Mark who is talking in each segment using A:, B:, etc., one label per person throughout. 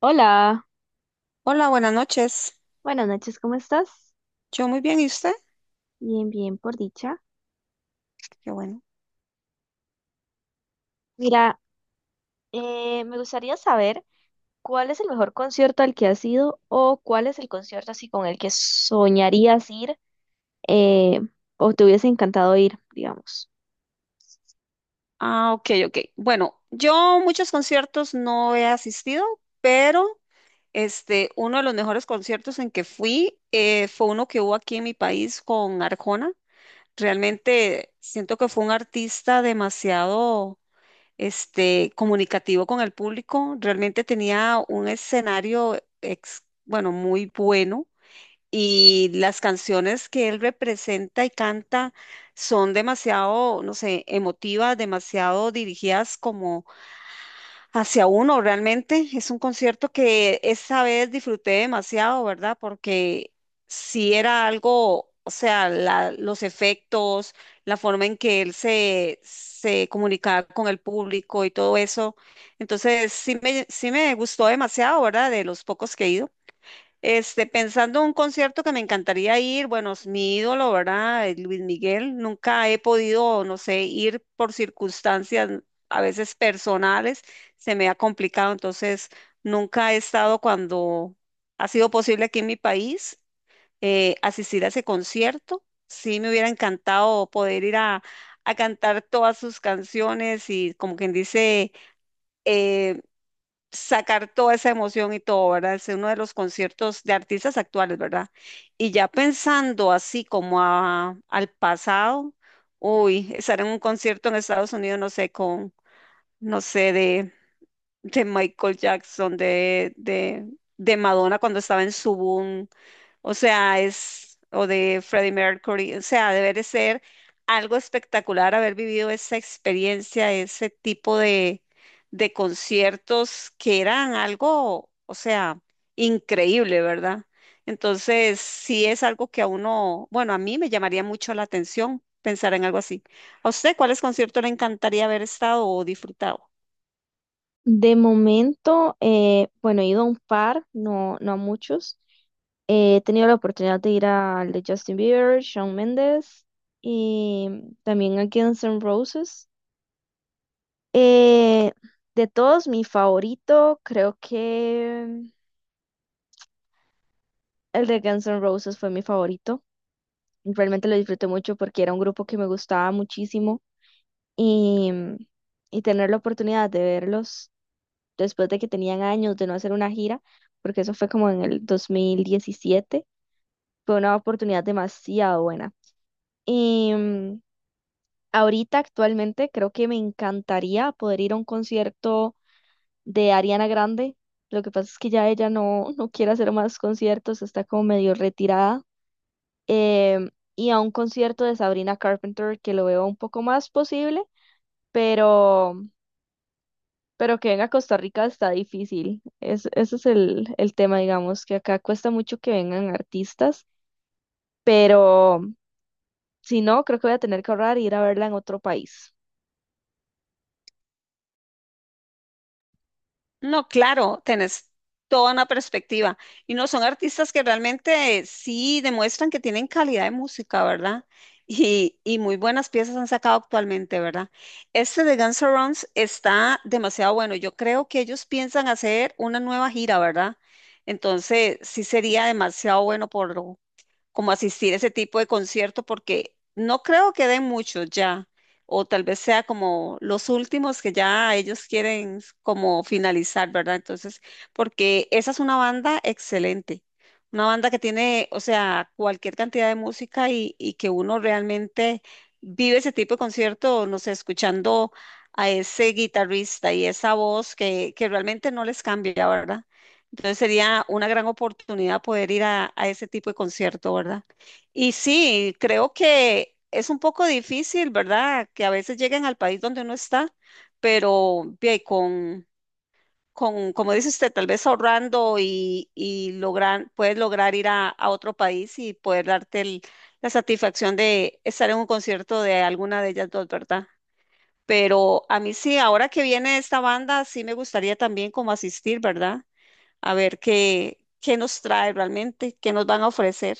A: Hola,
B: Hola, buenas noches.
A: buenas noches, ¿cómo estás?
B: Yo muy bien, ¿y usted?
A: Bien, bien, por dicha.
B: Qué bueno.
A: Mira, me gustaría saber cuál es el mejor concierto al que has ido o cuál es el concierto así con el que soñarías ir eh, o te hubiese encantado ir, digamos.
B: Ah, ok, ok. Bueno, yo muchos conciertos no he asistido, pero uno de los mejores conciertos en que fui fue uno que hubo aquí en mi país con Arjona. Realmente siento que fue un artista demasiado comunicativo con el público. Realmente tenía un escenario bueno, muy bueno. Y las canciones que él representa y canta son demasiado, no sé, emotivas, demasiado dirigidas como hacia uno realmente. Es un concierto que esa vez disfruté demasiado, ¿verdad? Porque sí era algo, o sea, los efectos, la forma en que él se comunicaba con el público y todo eso. Entonces, sí me gustó demasiado, ¿verdad? De los pocos que he ido. Este, pensando en un concierto que me encantaría ir, bueno, es mi ídolo, ¿verdad? Luis Miguel, nunca he podido, no sé, ir por circunstancias a veces personales, se me ha complicado, entonces nunca he estado cuando ha sido posible aquí en mi país asistir a ese concierto. Sí, me hubiera encantado poder ir a cantar todas sus canciones y como quien dice eh, sacar toda esa emoción y todo, ¿verdad? Es uno de los conciertos de artistas actuales, ¿verdad? Y ya pensando así como al pasado, uy, estar en un concierto en Estados Unidos, no sé, con, no sé, de Michael Jackson, de Madonna cuando estaba en su boom, o sea, es, o de Freddie Mercury, o sea, debe de ser algo espectacular haber vivido esa experiencia, ese tipo de conciertos que eran algo, o sea, increíble, ¿verdad? Entonces, sí es algo que a uno, bueno, a mí me llamaría mucho la atención pensar en algo así. ¿A usted cuáles conciertos le encantaría haber estado o disfrutado?
A: De momento, bueno, he ido a un par, no, no a muchos. He tenido la oportunidad de ir al de Justin Bieber, Shawn Mendes y también a Guns N' Roses. Eh, de todos, mi favorito, creo que el de Guns N' Roses fue mi favorito. Realmente lo disfruté mucho porque era un grupo que me gustaba muchísimo y, tener la oportunidad de verlos después de que tenían años de no hacer una gira, porque eso fue como en el 2017, fue una oportunidad demasiado buena. Y ahorita actualmente creo que me encantaría poder ir a un concierto de Ariana Grande. Lo que pasa es que ya ella no, no quiere hacer más conciertos, está como medio retirada. Em, y a un concierto de Sabrina Carpenter que lo veo un poco más posible, pero, que venga a Costa Rica está difícil. Es, ese es el, tema, digamos, que acá cuesta mucho que vengan artistas, pero si no, creo que voy a tener que ahorrar e ir a verla en otro país.
B: No, claro, tenés toda una perspectiva. Y no, son artistas que realmente sí demuestran que tienen calidad de música, ¿verdad? Y muy buenas piezas han sacado actualmente, ¿verdad? Este de Guns N' Roses está demasiado bueno. Yo creo que ellos piensan hacer una nueva gira, ¿verdad? Entonces, sí sería demasiado bueno por como asistir a ese tipo de concierto porque no creo que den muchos ya, o tal vez sea como los últimos que ya ellos quieren como finalizar, ¿verdad? Entonces, porque esa es una banda excelente, una banda que tiene, o sea, cualquier cantidad de música y que uno realmente vive ese tipo de concierto, no sé, escuchando a ese guitarrista y esa voz que realmente no les cambia, ¿verdad? Entonces sería una gran oportunidad poder ir a ese tipo de concierto, ¿verdad? Y sí, creo que es un poco difícil, ¿verdad? Que a veces lleguen al país donde uno está, pero bien, con, como dice usted, tal vez ahorrando y lograr, puedes lograr ir a otro país y poder darte la satisfacción de estar en un concierto de alguna de ellas dos, ¿verdad? Pero a mí sí, ahora que viene esta banda, sí me gustaría también como asistir, ¿verdad? A ver qué, qué nos trae realmente, qué nos van a ofrecer.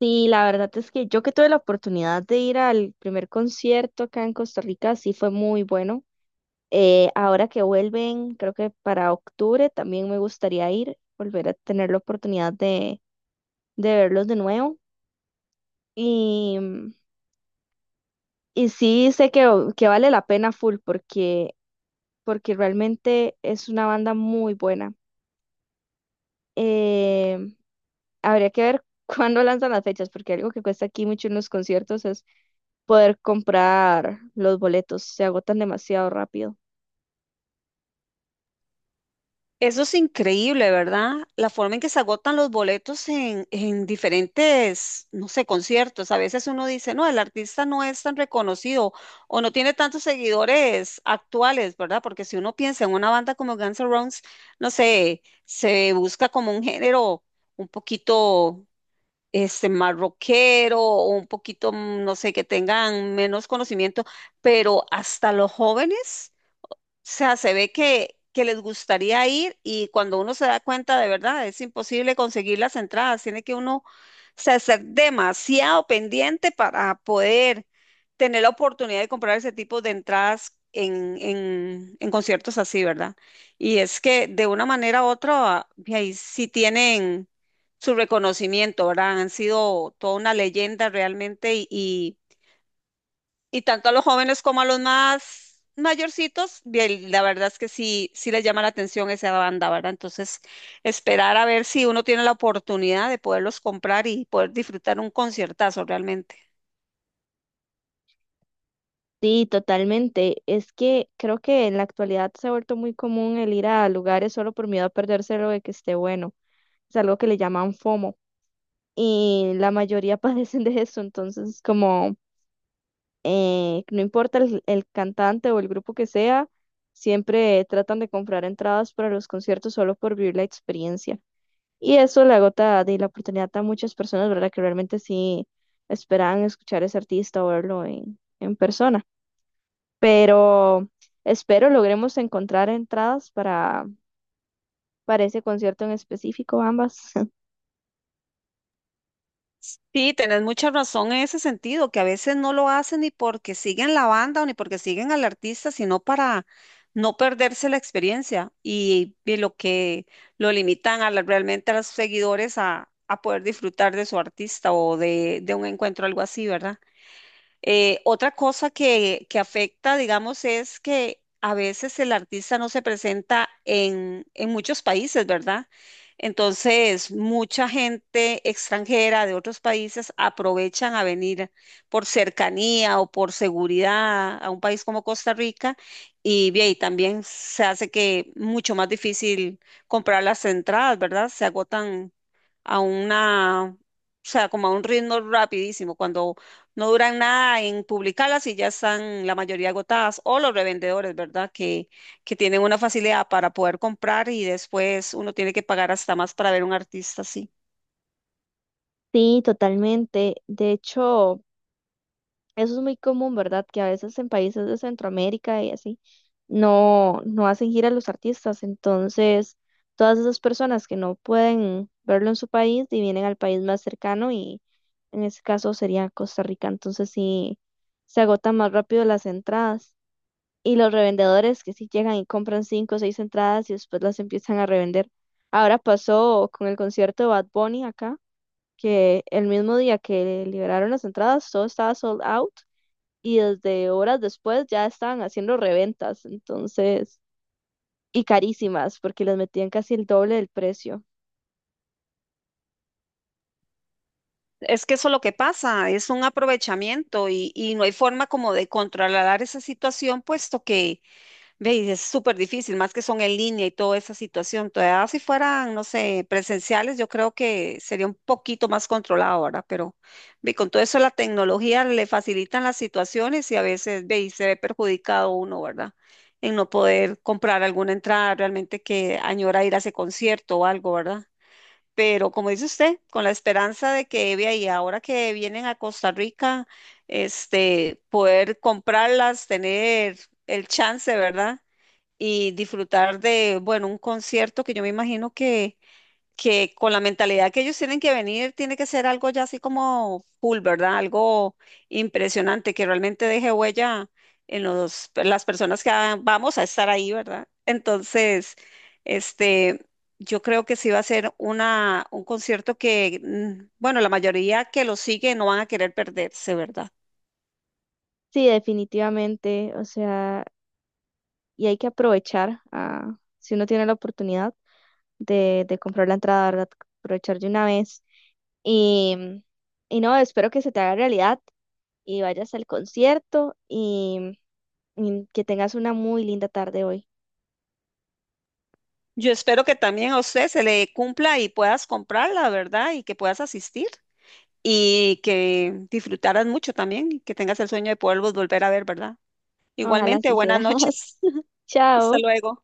A: Sí, la verdad es que yo que tuve la oportunidad de ir al primer concierto acá en Costa Rica, sí fue muy bueno. Ahora que vuelven, creo que para octubre también me gustaría ir, volver a tener la oportunidad de, verlos de nuevo. Y, y sí sé que, vale la pena full porque, realmente es una banda muy buena. Eh, habría que ver cuándo lanzan las fechas, porque algo que cuesta aquí mucho en los conciertos es poder comprar los boletos, se agotan demasiado rápido.
B: Eso es increíble, ¿verdad? La forma en que se agotan los boletos en diferentes, no sé, conciertos. A veces uno dice, no, el artista no es tan reconocido o no tiene tantos seguidores actuales, ¿verdad? Porque si uno piensa en una banda como Guns N' Roses, no sé, se busca como un género un poquito este, más rockero o un poquito, mm, no sé, que tengan menos conocimiento, pero hasta los jóvenes sea, se ve que les gustaría ir y cuando uno se da cuenta de verdad es imposible conseguir las entradas, tiene que uno o sea, ser demasiado pendiente para poder tener la oportunidad de comprar ese tipo de entradas en, en conciertos así, ¿verdad? Y es que de una manera u otra, y ahí sí tienen su reconocimiento, ¿verdad? Han sido toda una leyenda realmente y y tanto a los jóvenes como a los más mayorcitos, bien, la verdad es que sí, sí les llama la atención esa banda, ¿verdad? Entonces, esperar a ver si uno tiene la oportunidad de poderlos comprar y poder disfrutar un conciertazo realmente.
A: Sí, totalmente. Es que creo que en la actualidad se ha vuelto muy común el ir a lugares solo por miedo a perderse lo de que esté bueno. Es algo que le llaman FOMO y la mayoría padecen de eso. Entonces, como no importa el, cantante o el grupo que sea, siempre tratan de comprar entradas para los conciertos solo por vivir la experiencia. Y eso le agota de la oportunidad a muchas personas, ¿verdad? Que realmente sí esperaban escuchar a ese artista o verlo en, persona pero espero logremos encontrar entradas para, ese concierto en específico, ambas.
B: Sí, tenés mucha razón en ese sentido, que a veces no lo hacen ni porque siguen la banda o ni porque siguen al artista, sino para no perderse la experiencia y lo que lo limitan a realmente a los seguidores a poder disfrutar de su artista o de un encuentro, algo así, ¿verdad? Otra cosa que afecta, digamos, es que a veces el artista no se presenta en muchos países, ¿verdad? Entonces, mucha gente extranjera de otros países aprovechan a venir por cercanía o por seguridad a un país como Costa Rica y, bien, y también se hace que mucho más difícil comprar las entradas, ¿verdad? Se agotan a una, o sea, como a un ritmo rapidísimo, cuando no duran nada en publicarlas y ya están la mayoría agotadas, o los revendedores, ¿verdad? Que tienen una facilidad para poder comprar y después uno tiene que pagar hasta más para ver un artista así.
A: Sí, totalmente. De hecho, eso es muy común, ¿verdad? Que a veces en países de Centroamérica y así no, no hacen gira los artistas. Entonces, todas esas personas que no pueden verlo en su país y vienen al país más cercano y en ese caso sería Costa Rica. Entonces, sí, se agotan más rápido las entradas. Y los revendedores que sí llegan y compran 5 o 6 entradas y después las empiezan a revender. Ahora pasó con el concierto de Bad Bunny acá, que el mismo día que liberaron las entradas, todo estaba sold out y desde horas después ya estaban haciendo reventas, entonces, y carísimas, porque les metían casi el doble del precio.
B: Es que eso es lo que pasa, es un aprovechamiento y no hay forma como de controlar esa situación, puesto que ve, y es súper difícil, más que son en línea y toda esa situación. Todavía si fueran, no sé, presenciales, yo creo que sería un poquito más controlado, ¿verdad? Pero ve, con todo eso la tecnología le facilitan las situaciones y a veces ve, y se ve perjudicado uno, ¿verdad? En no poder comprar alguna entrada realmente que añora ir a ese concierto o algo, ¿verdad? Pero como dice usted, con la esperanza de que vea y ahora que vienen a Costa Rica, este, poder comprarlas, tener el chance, ¿verdad? Y disfrutar de, bueno, un concierto que yo me imagino que con la mentalidad que ellos tienen que venir, tiene que ser algo ya así como full, ¿verdad? Algo impresionante que realmente deje huella en los, en las personas que ah, vamos a estar ahí, ¿verdad? Entonces, este, yo creo que sí va a ser una, un concierto que, mm, bueno, la mayoría que lo sigue no van a querer perderse, ¿verdad?
A: Sí, definitivamente, o sea, y hay que aprovechar, ah, si uno tiene la oportunidad de, comprar la entrada, ¿verdad? Aprovechar de una vez. Y, y no, espero que se te haga realidad y vayas al concierto y, que tengas una muy linda tarde hoy.
B: Yo espero que también a usted se le cumpla y puedas comprarla, ¿verdad? Y que puedas asistir. Y que disfrutaras mucho también y que tengas el sueño de poderlos volver a ver, ¿verdad?
A: Ojalá
B: Igualmente,
A: así sea.
B: buenas noches. Hasta
A: Chao.
B: luego.